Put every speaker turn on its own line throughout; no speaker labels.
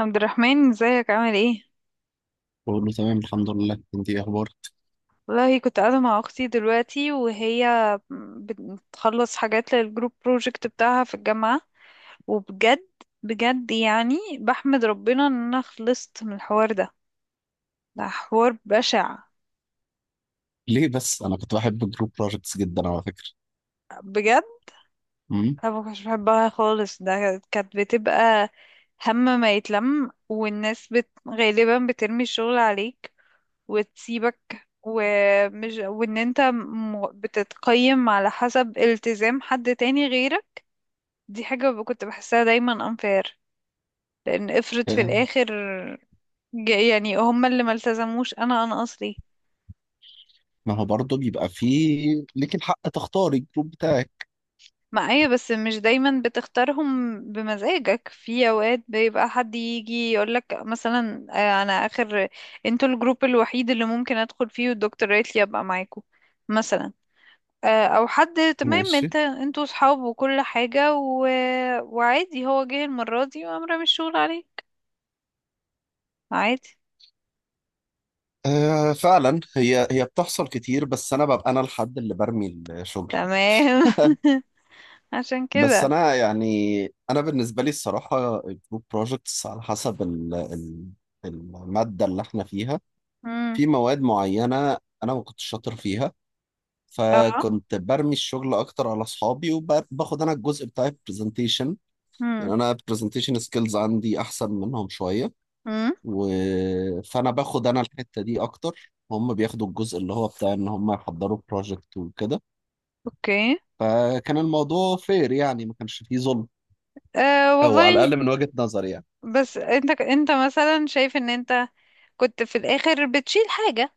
عبد الرحمن ازيك؟ عامل ايه؟
بقول له تمام الحمد لله. انت ايه اخبارك؟
والله كنت قاعدة مع اختي دلوقتي، وهي بتخلص حاجات للجروب بروجكت بتاعها في الجامعة. وبجد، بجد يعني بحمد ربنا ان انا خلصت من الحوار ده. ده حوار بشع
ليه بس، انا كنت بحب الجروب بروجكتس جدا على فكره.
بجد.
امم.
انا ما كنتش بحبها خالص. ده كانت بتبقى هم ما يتلم، والناس غالبا بترمي الشغل عليك وتسيبك، ومش وان بتتقيم على حسب التزام حد تاني غيرك. دي كنت بحسها دايما unfair. لان افرض في
آه،
الاخر، يعني هما اللي ما التزموش، انا اصلي
ما هو برضه بيبقى فيه ليك الحق تختاري الجروب بتاعك.
معايا. بس مش دايما بتختارهم بمزاجك، في اوقات بيبقى حد يجي يقولك مثلا، آه، انا اخر، انتوا الجروب الوحيد اللي ممكن ادخل فيه، والدكتور قالت لي ابقى معاكم مثلا. آه، او حد تمام،
ماشي.
انت انتوا صحاب وكل حاجة وعادي هو جه المرة دي وقام رامي الشغل عليك. عادي.
آه، فعلا هي بتحصل كتير، بس انا ببقى انا الحد اللي برمي الشغل.
تمام. عشان
بس
كده.
انا يعني، انا بالنسبه لي الصراحه، الجروب بروجكتس على حسب ال الماده اللي احنا فيها.
امم
في مواد معينه انا ما كنتش شاطر فيها،
اه.
فكنت برمي الشغل اكتر على اصحابي وباخد انا الجزء بتاع البرزنتيشن. يعني
امم.
انا البرزنتيشن سكيلز عندي احسن منهم شويه.
امم.
و... فانا باخد انا الحته دي اكتر، هم بياخدوا الجزء اللي هو بتاع ان هم يحضروا بروجكت وكده.
اوكي.
فكان الموضوع فير، يعني ما كانش فيه ظلم،
أه
او على
والله.
الاقل من وجهة نظري يعني.
بس انت مثلا شايف ان انت كنت في الاخر بتشيل حاجة؟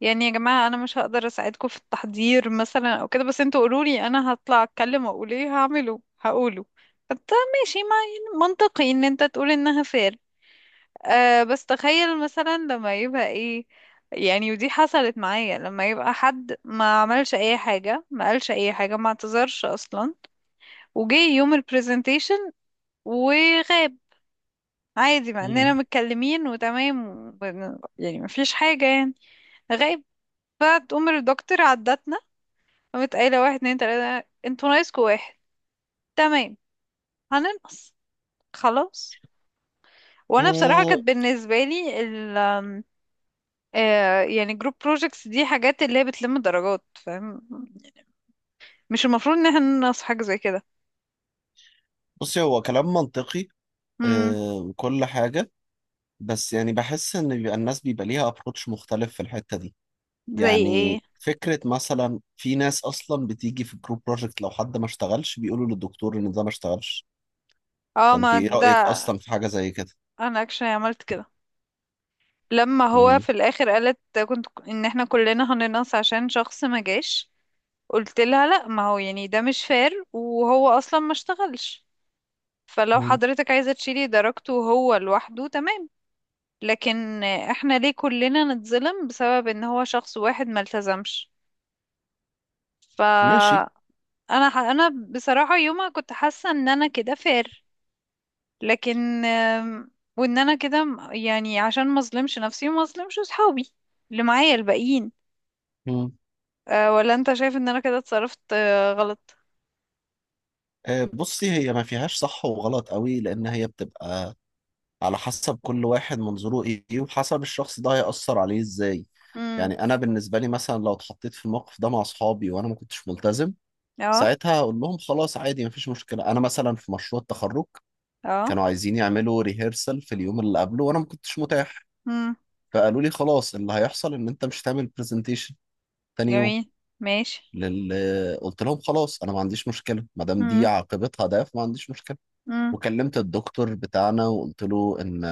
يعني يا جماعة أنا مش هقدر أساعدكم في التحضير مثلا أو كده، بس انتوا قولولي أنا هطلع أتكلم وأقول ايه هعمله، هقوله. فانت، ماشي، ما يعني منطقي إن انت تقول إنها فير. أه، بس تخيل مثلا لما يبقى ايه، يعني ودي حصلت معايا، لما يبقى حد ما عملش أي حاجة، ما قالش أي حاجة، ما اعتذرش أصلا، وجي يوم البرزنتيشن وغاب عادي، مع إننا
مم.
متكلمين وتمام يعني مفيش حاجة يعني. غايب. فتقوم الدكتور عدتنا، قامت قايلة واحد اتنين تلاتة، انتوا ناقصكوا واحد. تمام، هننقص، خلاص. وانا بصراحة
أه،
كانت بالنسبة لي ال آم، آه، يعني جروب بروجيكتس دي حاجات اللي هي بتلم درجات، فاهم؟ مش المفروض ان احنا ننقص حاجة زي كده.
بصي هو كلام منطقي.
امم.
أه، وكل حاجه. بس يعني بحس ان بيبقى الناس بيبقى ليها ابروتش مختلف في الحته دي.
زي ايه؟
يعني فكرة مثلا، في ناس أصلا بتيجي في الجروب بروجكت لو حد ما اشتغلش بيقولوا للدكتور إن ده ما اشتغلش.
اه
فأنت
ما
إيه رأيك
ده.
أصلا في حاجة زي كده؟
انا اكشن عملت كده، لما هو
مم.
في الاخر قالت، كنت ان احنا كلنا هننقص عشان شخص ما جاش. قلت لها لا، ما هو يعني ده مش فاir، وهو اصلا ما اشتغلش. فلو
مم.
حضرتك عايزة تشيلي درجته هو لوحده، تمام. لكن احنا ليه كلنا نتظلم بسبب ان هو شخص واحد ما التزمش؟
ماشي.
فانا، انا بصراحة يومها كنت حاسة ان انا كده فير، لكن وان انا كده يعني عشان ما اظلمش نفسي وما اظلمش صحابي اللي معايا الباقيين.
مم.
أه، ولا انت شايف ان انا كده اتصرفت، آه، غلط؟
آه، بصي، هي ما فيهاش صح وغلط قوي، لأن هي بتبقى على حسب كل واحد منظوره إيه وحسب الشخص ده هيأثر عليه إزاي.
امم.
يعني أنا بالنسبة لي مثلا، لو اتحطيت في الموقف ده مع أصحابي وأنا ما كنتش ملتزم،
اه.
ساعتها هقول لهم خلاص، عادي، مفيش مشكلة. أنا مثلا في مشروع التخرج
اه.
كانوا عايزين يعملوا ريهرسل في اليوم اللي قبله، وانا ما كنتش متاح.
امم.
فقالوا لي خلاص، اللي هيحصل ان انت مش هتعمل برزنتيشن تاني يوم.
جميل. ماشي.
لل... قلت لهم خلاص، انا ما عنديش مشكله ما دام دي
امم.
عاقبتها، ده فما عنديش مشكله. وكلمت الدكتور بتاعنا وقلت له ان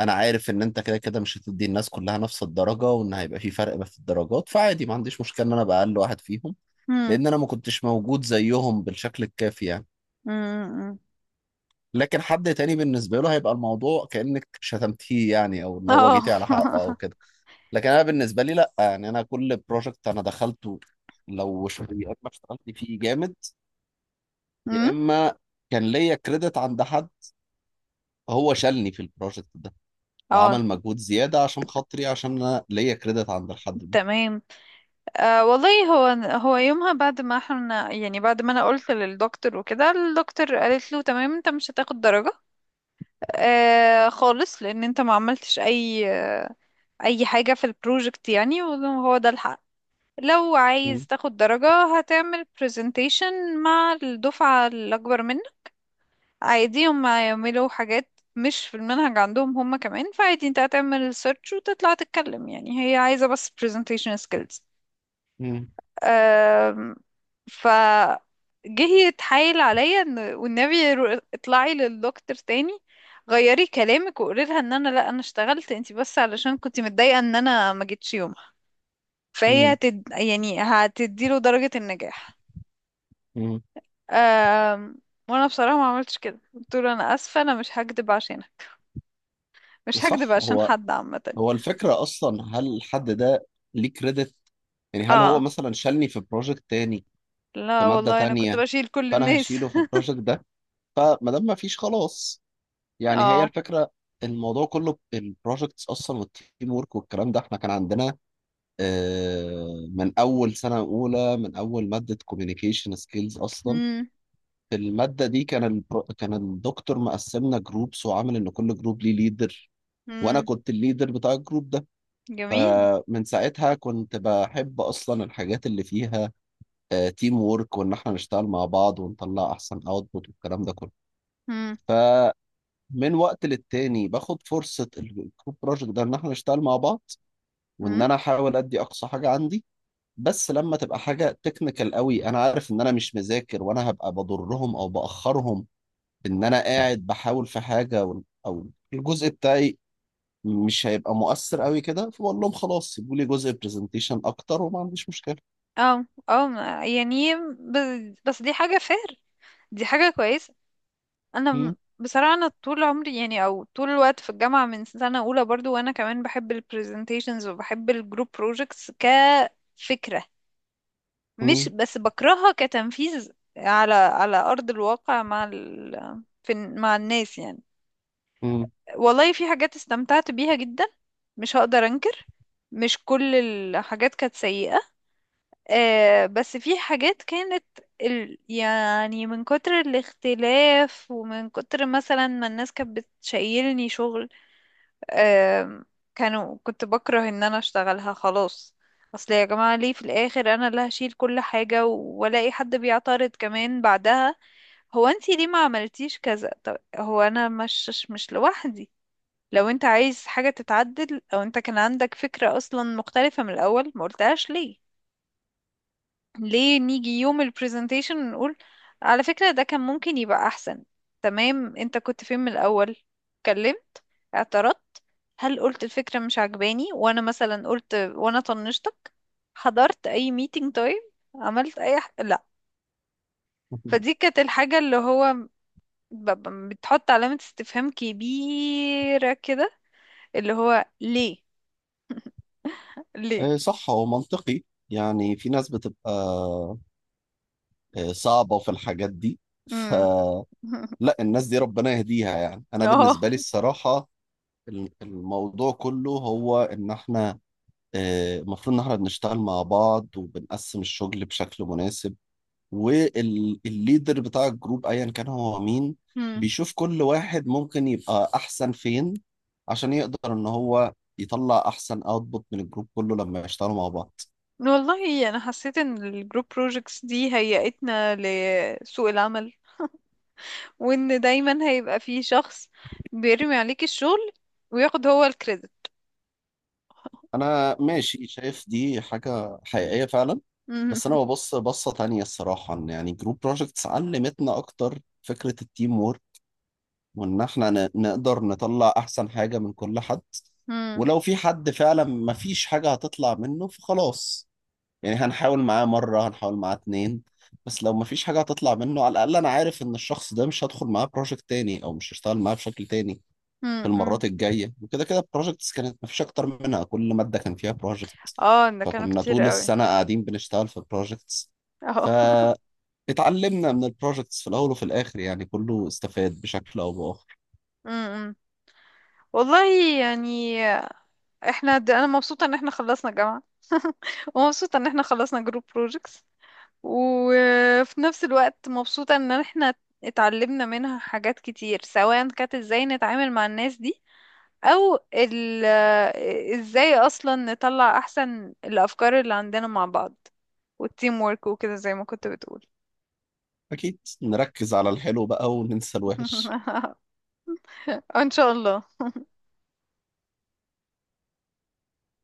انا عارف ان انت كده كده مش هتدي الناس كلها نفس الدرجه، وان هيبقى في فرق في الدرجات، فعادي، ما عنديش مشكله ان انا ابقى اقل واحد فيهم.
امم.
لان انا ما كنتش موجود زيهم بالشكل الكافي يعني.
امم.
لكن حد تاني بالنسبة له هيبقى الموضوع كأنك شتمتيه يعني، او اللي هو
اه.
جيتي على حقه او كده. لكن انا بالنسبة لي لا، يعني انا كل بروجكت انا دخلته يا اما اشتغلت فيه جامد،
أمم،
يا اما كان ليا كريدت عند حد، هو شالني في البروجكت ده
اه.
وعمل مجهود زيادة عشان خاطري، عشان انا ليا كريدت عند الحد ده.
تمام. آه والله. هو يومها بعد ما احنا يعني بعد ما انا قلت للدكتور وكده، الدكتور قالت له تمام انت مش هتاخد درجة آه خالص، لان انت ما عملتش اي آه، اي حاجة في البروجكت يعني، وهو ده الحق. لو
مم.
عايز تاخد درجة هتعمل presentation مع الدفعة الأكبر منك. عادي هم يعملوا حاجات مش في المنهج عندهم هم كمان، فعادي انت هتعمل سيرش وتطلع تتكلم، يعني هي عايزة بس presentation skills.
مم.
أم، ف، جه يتحايل عليا ان والنبي، اطلعي للدكتور تاني، غيري كلامك وقولي لها ان انا لا، انا اشتغلت، انت بس علشان كنت متضايقة ان انا ما جيتش يومها، فهي
مم.
يعني هتديله درجة النجاح.
مم.
أم، وانا بصراحة ما عملتش كده، قلت له انا اسفة انا مش هكدب عشانك، مش هكدب
صح.
عشان
هو
حد عامة.
هو الفكرة اصلا، هل الحد ده ليه كريدت؟ يعني هل هو
اه،
مثلا شالني في بروجكت تاني في
لا
مادة
والله انا كنت
تانية،
بشيل كل
فأنا
الناس.
هشيله في البروجكت ده؟ فما دام ما فيش، خلاص. يعني هي
اه.
الفكرة. الموضوع كله البروجكتس أصلا والتيم ورك والكلام ده، إحنا كان عندنا من أول سنة أولى، من أول مادة كوميونيكيشن سكيلز أصلا.
امم.
في المادة دي كان الدكتور مقسمنا جروبس وعامل إن كل جروب ليه ليدر، وأنا
امم.
كنت الليدر بتاع الجروب ده.
جميل.
فمن ساعتها كنت بحب أصلا الحاجات اللي فيها تيم وورك، وان احنا نشتغل مع بعض ونطلع احسن اوتبوت والكلام ده كله.
امم.
فمن وقت للتاني باخد فرصة الجروب بروجكت ده ان احنا نشتغل مع بعض، وان
امم.
انا احاول ادي اقصى حاجة عندي. بس لما تبقى حاجة تكنيكال قوي، انا عارف ان انا مش مذاكر، وانا هبقى بضرهم او باخرهم بان انا قاعد بحاول في حاجة او الجزء بتاعي مش هيبقى مؤثر قوي كده، فبقول لهم خلاص، سيبوا لي جزء برزنتيشن اكتر وما عنديش مشكلة.
اه. يعني بس, دي حاجة فير، دي حاجة كويسة. انا
م-.
بصراحة انا طول عمري يعني او طول الوقت في الجامعة من سنة اولى برضو، وانا كمان بحب البرزنتيشنز وبحب الجروب بروجكتس كفكرة. مش
م-.
بس بكرهها كتنفيذ على ارض الواقع مع في مع الناس يعني.
م.
والله في حاجات استمتعت بيها جدا، مش هقدر انكر. مش كل الحاجات كانت سيئة. آه، بس في حاجات كانت يعني من كتر الاختلاف، ومن كتر مثلا ما الناس كانت بتشيلني شغل، آه، كانوا، كنت بكره ان انا اشتغلها خلاص. اصل يا جماعة، ليه في الاخر انا اللي هشيل كل حاجة والاقي حد بيعترض كمان بعدها؟ هو انتي ليه ما عملتيش كذا؟ طب هو انا مش لوحدي. لو انت عايز حاجة تتعدل، او انت كان عندك فكرة اصلا مختلفة من الاول، ما قلتهاش ليه؟ ليه نيجي يوم البرزنتيشن نقول على فكرة ده كان ممكن يبقى احسن؟ تمام، انت كنت فين من الاول؟ اتكلمت؟ اعترضت؟ هل قلت الفكرة مش عجباني وانا مثلا قلت وانا طنشتك؟ حضرت اي ميتنج طيب؟ عملت اي لا. فدي كانت الحاجة اللي هو بتحط علامة استفهام كبيرة كده، اللي هو ليه.
آه، صح هو منطقي. يعني في ناس بتبقى صعبة في الحاجات دي.
ليه؟
فلا، الناس دي ربنا يهديها. يعني أنا بالنسبة
اه.
لي الصراحة، الموضوع كله هو إن إحنا المفروض إن إحنا بنشتغل مع بعض وبنقسم الشغل بشكل مناسب، والليدر بتاع الجروب أيا كان هو مين
مم.
بيشوف كل واحد ممكن يبقى أحسن فين، عشان يقدر إن هو يطلع أحسن أوتبوت من الجروب كله لما يشتغلوا مع بعض.
والله انا حسيت ان الجروب بروجكتس دي هيئتنا لسوق العمل، وان دايما هيبقى في شخص بيرمي عليك الشغل وياخد هو الكريدت.
انا ماشي، شايف دي حاجه حقيقيه فعلا.
مم.
بس انا ببص بصه تانية الصراحه، ان يعني جروب بروجكتس علمتنا اكتر فكره التيم وورك، وان احنا نقدر نطلع احسن حاجه من كل حد.
مم.
ولو في حد فعلا ما فيش حاجه هتطلع منه فخلاص، يعني هنحاول معاه مره، هنحاول معاه اتنين. بس لو ما فيش حاجه هتطلع منه، على الاقل انا عارف ان الشخص ده مش هدخل معاه بروجكت تاني او مش هشتغل معاه بشكل تاني في
مم. مم.
المرات الجايه. وكده كده البروجكتس كانت مفيش اكتر منها، كل ماده كان فيها بروجكت،
اه، ده كانوا
فكنا
كتير
طول
قوي.
السنه قاعدين بنشتغل في بروجكتس.
اه.
فاتعلمنا من البروجكتس في الاول وفي الاخر، يعني كله استفاد بشكل او باخر.
مم. مم. والله، يعني احنا انا مبسوطة ان احنا خلصنا جامعة، ومبسوطة ان احنا خلصنا جروب بروجكتس، وفي نفس الوقت مبسوطة ان احنا اتعلمنا منها حاجات كتير، سواء كانت ازاي نتعامل مع الناس دي، او ال، ازاي اصلا نطلع احسن الافكار اللي عندنا مع بعض، والتيم وورك وكده زي ما كنت بتقول.
اكيد نركز على الحلو بقى وننسى الوحش.
ان شاء الله.